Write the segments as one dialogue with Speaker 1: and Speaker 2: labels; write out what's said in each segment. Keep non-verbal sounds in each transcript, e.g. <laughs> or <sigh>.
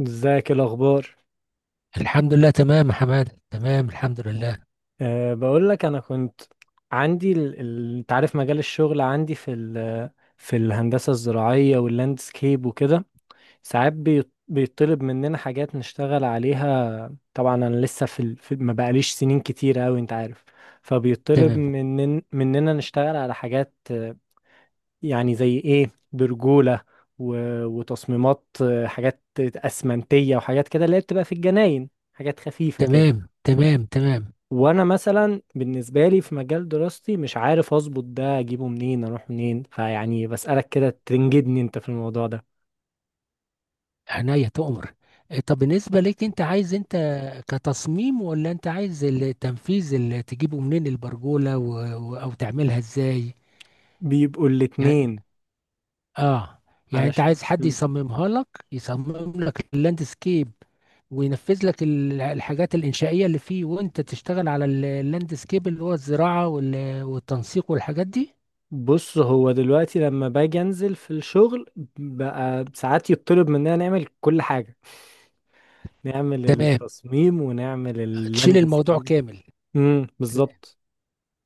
Speaker 1: ازيك؟ إيه الاخبار؟
Speaker 2: الحمد لله، تمام يا حماد، تمام الحمد لله.
Speaker 1: أه، بقول لك انا كنت عندي انت عارف مجال الشغل عندي في الهندسه الزراعيه واللاندسكيب وكده. ساعات بيطلب مننا حاجات نشتغل عليها. طبعا انا لسه ما بقاليش سنين كتير قوي، انت عارف. فبيطلب
Speaker 2: تمام
Speaker 1: مننا نشتغل على حاجات، يعني زي ايه، برجوله و... وتصميمات، حاجات اسمنتيه وحاجات كده اللي هي بتبقى في الجناين، حاجات خفيفه كده.
Speaker 2: تمام تمام تمام،
Speaker 1: وانا مثلا بالنسبه لي في مجال دراستي مش عارف اظبط ده، اجيبه منين اروح منين، فيعني بسالك كده تنجدني انت في الموضوع ده.
Speaker 2: عينيا تؤمر. طب بالنسبة ليك، انت عايز، انت كتصميم ولا انت عايز التنفيذ؟ اللي تجيبه منين البرجولة او تعملها ازاي
Speaker 1: بيبقوا
Speaker 2: يعني؟
Speaker 1: الاتنين
Speaker 2: اه، يعني انت
Speaker 1: علشان
Speaker 2: عايز حد يصممها لك، يصمم لك اللاندسكيب وينفذ لك الحاجات الإنشائية اللي فيه، وانت تشتغل على اللاندسكيب اللي هو الزراعة والتنسيق والحاجات دي؟
Speaker 1: بص هو دلوقتي لما باجي انزل في الشغل بقى ساعات يطلب مننا نعمل كل حاجه، نعمل
Speaker 2: تمام،
Speaker 1: التصميم ونعمل
Speaker 2: تشيل الموضوع
Speaker 1: اللاندسكيب.
Speaker 2: كامل.
Speaker 1: بالظبط.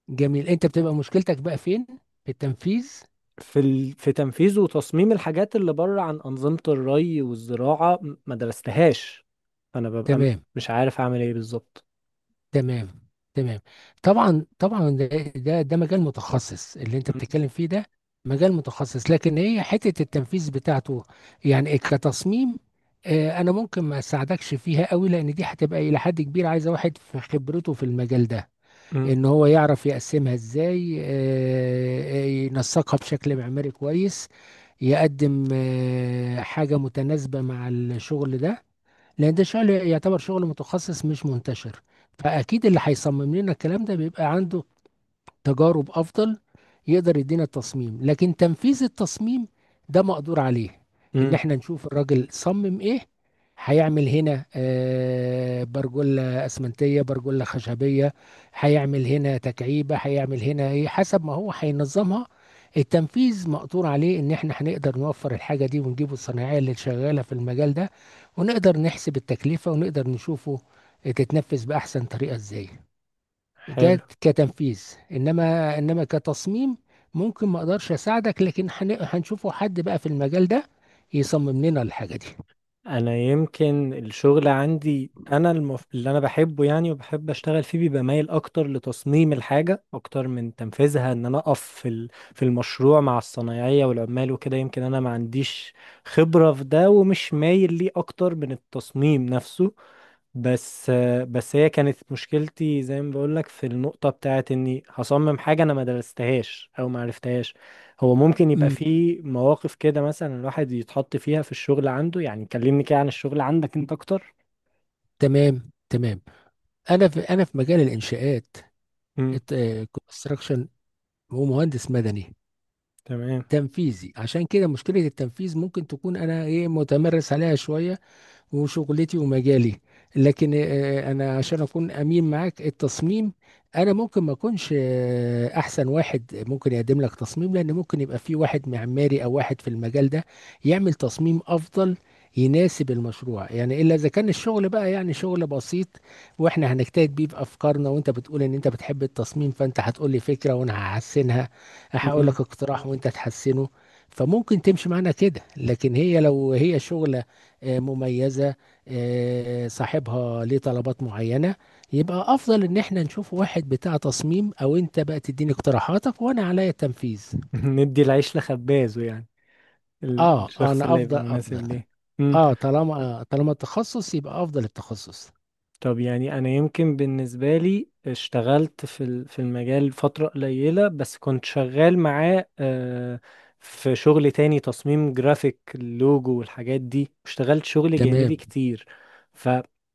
Speaker 2: جميل، انت بتبقى مشكلتك بقى فين؟ في التنفيذ.
Speaker 1: في تنفيذ وتصميم الحاجات اللي بره عن أنظمة الري والزراعة، ما درستهاش. فأنا ببقى
Speaker 2: تمام
Speaker 1: مش عارف أعمل إيه بالظبط.
Speaker 2: تمام تمام. طبعا طبعا، ده ده مجال متخصص اللي انت
Speaker 1: م-
Speaker 2: بتتكلم فيه ده. مجال متخصص، لكن هي حتة التنفيذ بتاعته يعني كتصميم، انا ممكن ما اساعدكش فيها قوي، لان دي هتبقى الى حد كبير عايزة واحد في خبرته في المجال ده،
Speaker 1: م-
Speaker 2: ان هو يعرف يقسمها ازاي، ينسقها بشكل معماري كويس، يقدم حاجة متناسبة مع الشغل ده. لان ده شغل يعتبر شغل متخصص مش منتشر، فاكيد اللي هيصمم لنا الكلام ده بيبقى عنده تجارب افضل، يقدر يدينا التصميم. لكن تنفيذ التصميم ده مقدور عليه، ان
Speaker 1: م.
Speaker 2: احنا نشوف الراجل صمم ايه. هيعمل هنا برجولة اسمنتية، برجولة خشبية، هيعمل هنا تكعيبة، هيعمل هنا ايه حسب ما هو هينظمها. التنفيذ مقدور عليه، ان احنا هنقدر نوفر الحاجة دي ونجيبه الصناعية اللي شغالة في المجال ده، ونقدر نحسب التكلفة، ونقدر نشوفه تتنفذ بأحسن طريقة ازاي.
Speaker 1: حلو.
Speaker 2: جات كتنفيذ، انما كتصميم ممكن ما اقدرش اساعدك، لكن هنشوفه حد بقى في المجال ده يصمم لنا الحاجه دي.
Speaker 1: أنا يمكن الشغل عندي، أنا اللي أنا بحبه يعني، وبحب أشتغل فيه بيبقى مايل أكتر لتصميم الحاجة أكتر من تنفيذها، إن أنا أقف في المشروع مع الصنايعية والعمال وكده. يمكن أنا ما عنديش خبرة في ده، ومش مايل ليه أكتر من التصميم نفسه. بس بس هي كانت مشكلتي زي ما بقولك، في النقطة بتاعت اني هصمم حاجة انا ما درستهاش او ما عرفتهاش. هو ممكن يبقى
Speaker 2: امم،
Speaker 1: في مواقف كده، مثلا الواحد يتحط فيها في الشغل عنده. يعني كلمني كده عن الشغل عندك انت اكتر.
Speaker 2: تمام تمام. انا في، انا في مجال الانشاءات،
Speaker 1: امم
Speaker 2: كونستراكشن، ومهندس مدني
Speaker 1: تمام.
Speaker 2: تنفيذي، عشان كده مشكله التنفيذ ممكن تكون انا ايه، متمرس عليها شويه وشغلتي ومجالي. لكن انا عشان اكون امين معاك، التصميم انا ممكن ما اكونش احسن واحد ممكن يقدم لك تصميم، لان ممكن يبقى في واحد معماري او واحد في المجال ده يعمل تصميم افضل يناسب المشروع. يعني الا اذا كان الشغل بقى يعني شغل بسيط، واحنا هنجتهد بيه بافكارنا، وانت بتقول ان انت بتحب التصميم، فانت هتقول لي فكره وانا هحسنها، هقول لك
Speaker 1: امم
Speaker 2: اقتراح وانت تحسنه، فممكن تمشي معانا كده. لكن هي لو هي شغل مميزة، صاحبها ليه طلبات معينة، يبقى أفضل إن احنا نشوف واحد بتاع تصميم، أو أنت بقى تديني اقتراحاتك وأنا عليا التنفيذ.
Speaker 1: <laughs> ندي العيش لخبازه يعني،
Speaker 2: آه،
Speaker 1: الشخص
Speaker 2: أنا
Speaker 1: اللي
Speaker 2: أفضل
Speaker 1: يبقى
Speaker 2: أفضل،
Speaker 1: مناسب ليه.
Speaker 2: آه طالما طالما التخصص، يبقى أفضل التخصص.
Speaker 1: طب يعني انا يمكن بالنسبه لي اشتغلت في المجال فتره قليله، بس كنت شغال معاه. في شغل تاني تصميم جرافيك، اللوجو والحاجات دي، اشتغلت شغل جانبي
Speaker 2: تمام.
Speaker 1: كتير. فانت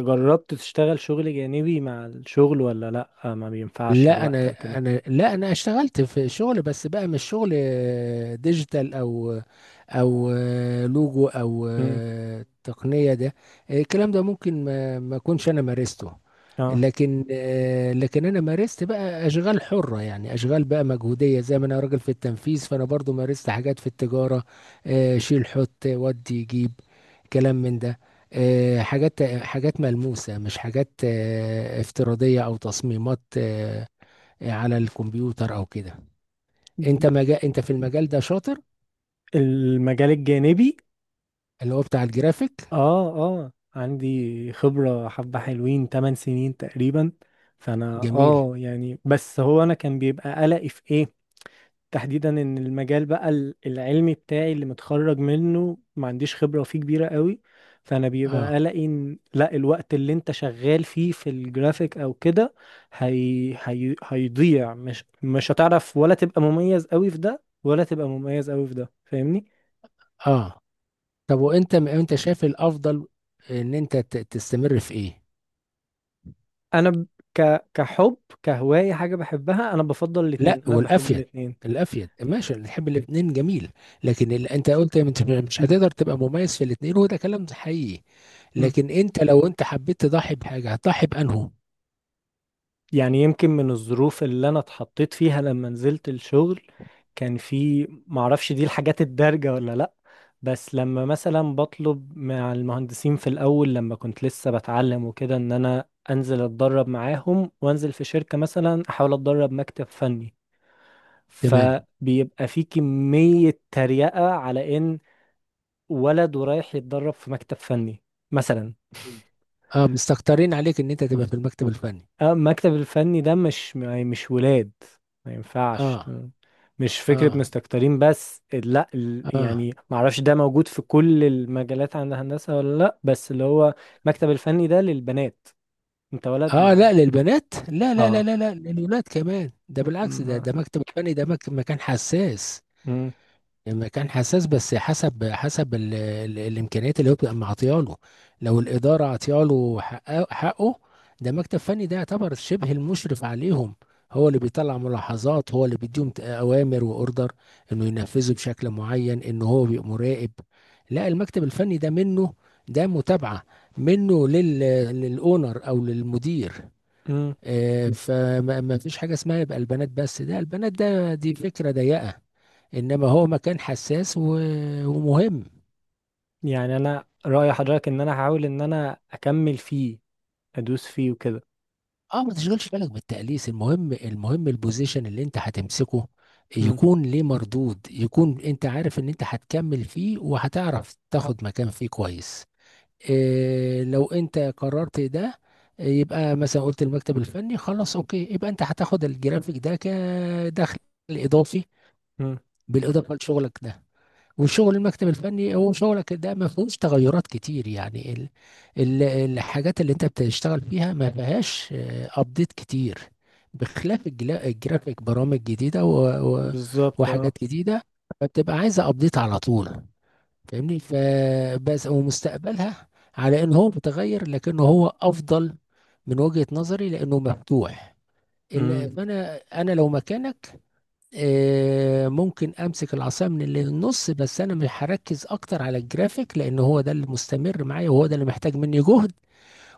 Speaker 1: جربت تشتغل شغل جانبي مع الشغل ولا لا؟ ما بينفعش
Speaker 2: لا
Speaker 1: الوقت
Speaker 2: انا،
Speaker 1: او كده؟
Speaker 2: انا لا، انا اشتغلت في شغل بس بقى مش شغل ديجيتال او او لوجو او
Speaker 1: امم
Speaker 2: تقنية ده، الكلام ده ممكن ما اكونش انا مارسته.
Speaker 1: اه.
Speaker 2: لكن لكن انا مارست بقى اشغال حرة، يعني اشغال بقى مجهودية. زي ما انا راجل في التنفيذ، فانا برضو مارست حاجات في التجارة، شيل حط ودي جيب، كلام من ده، حاجات حاجات ملموسة، مش حاجات افتراضية أو تصميمات على الكمبيوتر او كده. انت مجال، انت في المجال ده شاطر،
Speaker 1: المجال الجانبي.
Speaker 2: اللي هو بتاع الجرافيك.
Speaker 1: اه اه، عندي خبرة حبة حلوين، 8 سنين تقريبا. فانا
Speaker 2: جميل.
Speaker 1: يعني، بس هو انا كان بيبقى قلقي في ايه تحديدا، ان المجال بقى العلمي بتاعي اللي متخرج منه ما عنديش خبرة فيه كبيرة قوي. فانا بيبقى
Speaker 2: اه
Speaker 1: قلقي ان لا، الوقت اللي انت شغال فيه في الجرافيك او كده هيضيع، مش هتعرف، ولا تبقى مميز قوي في ده ولا تبقى مميز قوي في ده، فاهمني؟
Speaker 2: اه. طب وانت، انت شايف الافضل ان انت تستمر في ايه؟
Speaker 1: انا كحب، كهواية، حاجة بحبها، انا بفضل
Speaker 2: لا،
Speaker 1: الاتنين، انا بحب
Speaker 2: والافيد،
Speaker 1: الاتنين.
Speaker 2: الافيد ماشي، نحب الاثنين جميل. لكن اللي انت قلت، انت مش هتقدر تبقى مميز في الاثنين، وده كلام حقيقي.
Speaker 1: مم.
Speaker 2: لكن انت لو انت حبيت تضحي بحاجه، هتضحي بانه.
Speaker 1: يعني يمكن من الظروف اللي انا اتحطيت فيها لما نزلت الشغل، كان في، معرفش دي الحاجات الدارجة ولا لا، بس لما مثلا بطلب مع المهندسين في الاول لما كنت لسه بتعلم وكده، ان انا انزل اتدرب معاهم وانزل في شركة مثلا، احاول اتدرب مكتب فني،
Speaker 2: تمام.
Speaker 1: فبيبقى في كمية تريقة على ان ولد ورايح يتدرب في مكتب فني مثلا.
Speaker 2: اه، مستكترين عليك ان انت تبقى في المكتب الفني؟
Speaker 1: المكتب الفني ده مش يعني مش ولاد، ما ينفعش.
Speaker 2: اه.
Speaker 1: مش فكرة
Speaker 2: اه
Speaker 1: مستكترين، بس لا،
Speaker 2: اه.
Speaker 1: يعني معرفش ده موجود في كل المجالات عند الهندسة ولا لا، بس اللي هو المكتب الفني ده للبنات، انت ولد
Speaker 2: اه،
Speaker 1: ما.
Speaker 2: لا للبنات، لا لا لا
Speaker 1: اه،
Speaker 2: لا لا، للولاد كمان، ده بالعكس، ده
Speaker 1: ما-
Speaker 2: ده مكتب الفني، ده مكان حساس.
Speaker 1: مم.
Speaker 2: يعني مكان حساس، بس حسب حسب ال ال الامكانيات اللي هو بيبقى معطيها له. لو الاداره عطيها له حقه، حقه، ده مكتب فني، ده يعتبر شبه المشرف عليهم، هو اللي بيطلع ملاحظات، هو اللي بيديهم اوامر واوردر انه ينفذوا بشكل معين، انه هو بيبقى مراقب. لا، المكتب الفني ده منه، ده متابعه منه لل، للاونر او للمدير.
Speaker 1: مم.
Speaker 2: فما ما فيش حاجة اسمها يبقى البنات بس، ده البنات ده، دي فكرة ضيقة. إنما هو مكان حساس ومهم.
Speaker 1: يعني انا رأي حضرتك ان انا هحاول ان انا اكمل فيه، ادوس فيه وكده.
Speaker 2: اه، ما تشغلش بالك بالتأليس، المهم المهم البوزيشن اللي انت هتمسكه
Speaker 1: مم.
Speaker 2: يكون ليه مردود، يكون انت عارف ان انت هتكمل فيه، وهتعرف تاخد مكان فيه كويس. إيه لو انت قررت ده، يبقى مثلا قلت المكتب الفني خلاص اوكي، يبقى انت هتاخد الجرافيك ده كدخل اضافي،
Speaker 1: مم.
Speaker 2: بالاضافه لشغلك ده. وشغل المكتب الفني هو شغلك ده ما فيهوش تغيرات كتير، يعني ال ال الحاجات اللي انت بتشتغل فيها ما فيهاش ابديت كتير، بخلاف الجرافيك، برامج جديدة و و
Speaker 1: بالظبط. اه.
Speaker 2: وحاجات جديدة بتبقى عايزة ابديت على طول. فاهمني؟ فبس، ومستقبلها على ان هو متغير، لكنه هو افضل من وجهة نظري لانه مفتوح.
Speaker 1: مم.
Speaker 2: فانا، انا لو مكانك ممكن امسك العصايه من اللي في النص، بس انا مش هركز اكتر على الجرافيك، لان هو ده اللي مستمر معايا، وهو ده اللي محتاج مني جهد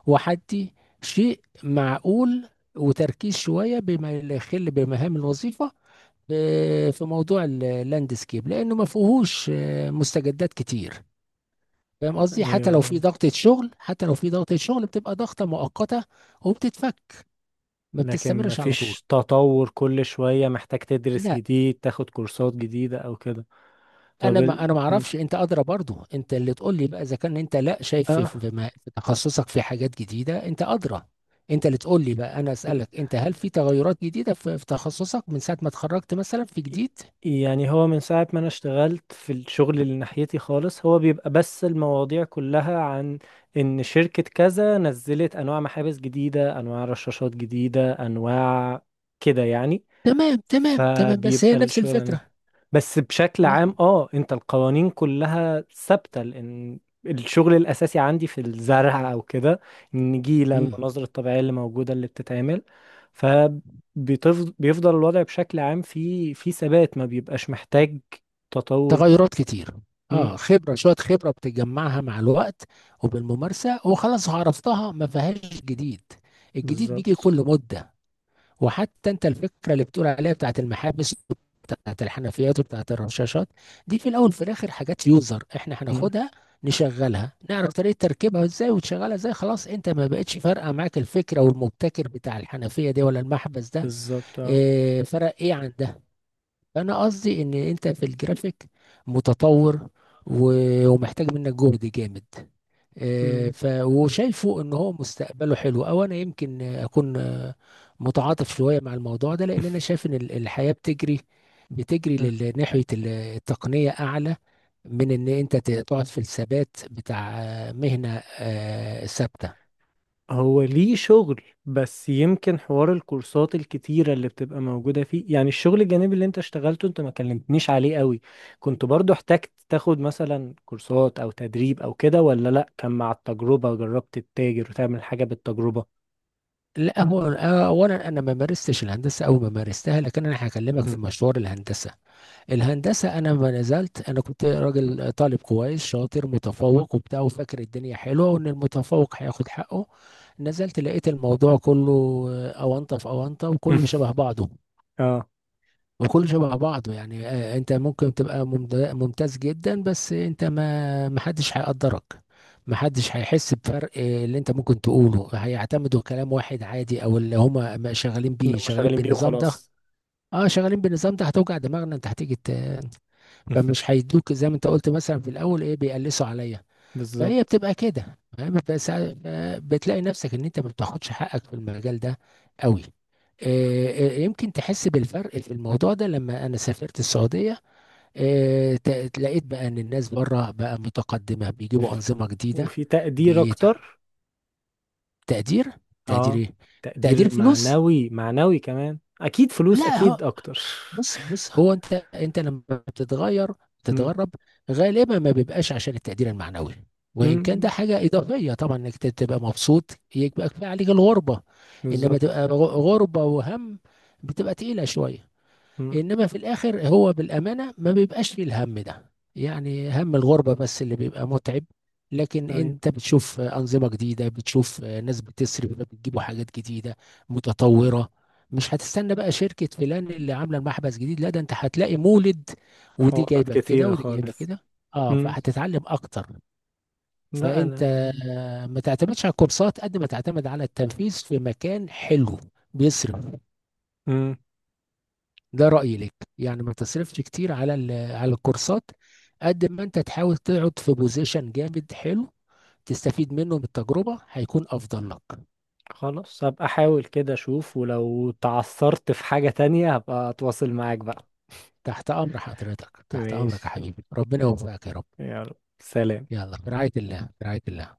Speaker 2: وحدي، شيء معقول وتركيز شويه بما لا يخل بمهام الوظيفه في موضوع اللاندسكيب، لانه ما فيهوش مستجدات كتير. فاهم قصدي؟ حتى لو في
Speaker 1: ايوه.
Speaker 2: ضغطة شغل، حتى لو في ضغطة شغل بتبقى ضغطة مؤقتة وبتتفك، ما
Speaker 1: لكن
Speaker 2: بتستمرش على طول.
Speaker 1: مفيش تطور، كل شوية محتاج تدرس
Speaker 2: لا
Speaker 1: جديد، تاخد كورسات جديدة أو كده. طب
Speaker 2: انا،
Speaker 1: ال...
Speaker 2: ما انا ما
Speaker 1: م.
Speaker 2: اعرفش، انت ادرى برضو، انت اللي تقول لي بقى اذا كان انت لا شايف في
Speaker 1: آه
Speaker 2: في في تخصصك في حاجات جديده، انت ادرى. انت اللي تقول لي بقى، انا اسالك انت، هل في تغيرات جديده في في تخصصك من ساعه ما اتخرجت، مثلا في جديد؟
Speaker 1: يعني هو من ساعة ما أنا اشتغلت في الشغل اللي ناحيتي خالص، هو بيبقى بس المواضيع كلها عن إن شركة كذا نزلت أنواع محابس جديدة، أنواع رشاشات جديدة، أنواع كده يعني.
Speaker 2: تمام تمام تمام، بس
Speaker 1: فبيبقى
Speaker 2: هي نفس
Speaker 1: الشغل
Speaker 2: الفكره.
Speaker 1: بس بشكل عام،
Speaker 2: اه.
Speaker 1: انت، القوانين كلها ثابتة لان الشغل الاساسي عندي في الزرع او كده، النجيلة،
Speaker 2: امم،
Speaker 1: المناظر الطبيعية اللي موجودة اللي بتتعمل. فبيفضل الوضع بشكل عام في ثبات، ما بيبقاش محتاج تطور
Speaker 2: تغيرات كتير. اه،
Speaker 1: مم،
Speaker 2: خبره شويه، خبره بتجمعها مع الوقت وبالممارسه وخلاص عرفتها، ما فيهاش جديد. الجديد بيجي
Speaker 1: بالظبط.
Speaker 2: كل مده. وحتى انت الفكره اللي بتقول عليها بتاعت المحابس، بتاعت الحنفيات وبتاعت الرشاشات، دي في الاول في الاخر حاجات يوزر، احنا
Speaker 1: مم،
Speaker 2: هناخدها نشغلها، نعرف طريقه تركيبها ازاي وتشغلها ازاي، خلاص انت ما بقتش فارقه معاك الفكره والمبتكر بتاع الحنفيه دي ولا المحبس ده.
Speaker 1: بالظبط. اه.
Speaker 2: اه، فرق ايه عن ده. فانا قصدي ان انت في الجرافيك متطور ومحتاج منك جهد جامد،
Speaker 1: مم.
Speaker 2: ف وشايفه ان هو مستقبله حلو. او انا يمكن اكون متعاطف شويه مع الموضوع ده، لان انا شايف ان الحياه بتجري، بتجري
Speaker 1: <laughs>
Speaker 2: ناحيه التقنيه اعلى من ان انت تقعد في الثبات بتاع مهنه ثابته.
Speaker 1: هو ليه شغل، بس يمكن حوار الكورسات الكتيرة اللي بتبقى موجودة فيه. يعني الشغل الجانبي اللي انت اشتغلته انت ما كلمتنيش عليه قوي، كنت برضو احتجت تاخد مثلا كورسات او تدريب او كده ولا لا؟ كان مع التجربة، جربت تتاجر وتعمل حاجة بالتجربة؟
Speaker 2: لا، هو اولا انا ما مارستش الهندسه او ما مارستها، لكن انا هكلمك في
Speaker 1: مم.
Speaker 2: مشوار الهندسه. الهندسه انا ما نزلت، انا كنت راجل طالب كويس شاطر متفوق وبتاع، وفاكر الدنيا حلوه وان المتفوق هياخد حقه، نزلت لقيت الموضوع كله اونطه في اونطه، وكله
Speaker 1: <laughs>
Speaker 2: شبه بعضه
Speaker 1: اه.
Speaker 2: وكله شبه بعضه يعني. انت ممكن تبقى ممتاز جدا، بس انت ما، محدش هيقدرك، محدش هيحس بفرق. اللي انت ممكن تقوله هيعتمدوا كلام واحد عادي، او اللي هما ما شغالين
Speaker 1: إن
Speaker 2: بيه
Speaker 1: هم
Speaker 2: شغالين
Speaker 1: شغالين بيه
Speaker 2: بالنظام ده.
Speaker 1: وخلاص.
Speaker 2: اه، شغالين بالنظام ده، هتوجع دماغنا انت هتيجي،
Speaker 1: مم.
Speaker 2: فمش هيدوك زي ما انت قلت مثلا في الاول ايه، بيقلسوا عليا. فهي
Speaker 1: بالظبط.
Speaker 2: بتبقى كده، فاهم؟ بس بتلاقي نفسك ان انت ما بتاخدش حقك في المجال ده قوي. يمكن تحس بالفرق في الموضوع ده لما انا سافرت السعوديه، لقيت بقى ان الناس بره بقى متقدمه، بيجيبوا انظمه جديده.
Speaker 1: وفي تقدير
Speaker 2: بتقدير.
Speaker 1: اكتر؟
Speaker 2: تقدير
Speaker 1: اه،
Speaker 2: ايه؟ تقدير
Speaker 1: تقدير
Speaker 2: فلوس؟
Speaker 1: معنوي، معنوي كمان اكيد، فلوس
Speaker 2: لا،
Speaker 1: اكيد اكتر.
Speaker 2: بص بص، هو انت، انت لما بتتغير،
Speaker 1: <laughs> مم.
Speaker 2: بتتغرب، غالبا ما بيبقاش عشان التقدير المعنوي، وان كان
Speaker 1: مم.
Speaker 2: ده حاجه اضافيه طبعا، انك تبقى مبسوط، يبقى كفايه عليك الغربه. انما
Speaker 1: بالظبط.
Speaker 2: تبقى غربه وهم، بتبقى تقيله شويه.
Speaker 1: مم.
Speaker 2: انما في الاخر هو بالامانه ما بيبقاش فيه الهم ده، يعني هم الغربه بس اللي بيبقى متعب. لكن
Speaker 1: أيوة.
Speaker 2: انت بتشوف انظمه جديده، بتشوف ناس بتصرف، بتجيبوا حاجات جديده متطوره. مش هتستنى بقى شركه فلان اللي عامله المحبس جديد، لا، ده انت هتلاقي مولد، ودي
Speaker 1: حوارات
Speaker 2: جايبه كده
Speaker 1: كتيرة
Speaker 2: ودي جايبه
Speaker 1: خالص.
Speaker 2: كده. اه،
Speaker 1: مم.
Speaker 2: فهتتعلم اكتر.
Speaker 1: لا
Speaker 2: فانت
Speaker 1: أنا.
Speaker 2: ما تعتمدش على الكورسات قد ما تعتمد على التنفيذ في مكان حلو بيصرف.
Speaker 1: مم.
Speaker 2: ده رأيي لك، يعني ما تصرفش كتير على على الكورسات، قد ما انت تحاول تقعد في بوزيشن جامد حلو، تستفيد منه من التجربة، هيكون أفضل لك.
Speaker 1: خلاص، هبقى أحاول كده أشوف، ولو تعثرت في حاجة تانية هبقى أتواصل معاك بقى.
Speaker 2: تحت أمر حضرتك، تحت أمرك يا
Speaker 1: ماشي.
Speaker 2: حبيبي، ربنا يوفقك يا رب.
Speaker 1: يلا. سلام.
Speaker 2: يلا، في رعاية الله، في رعاية الله.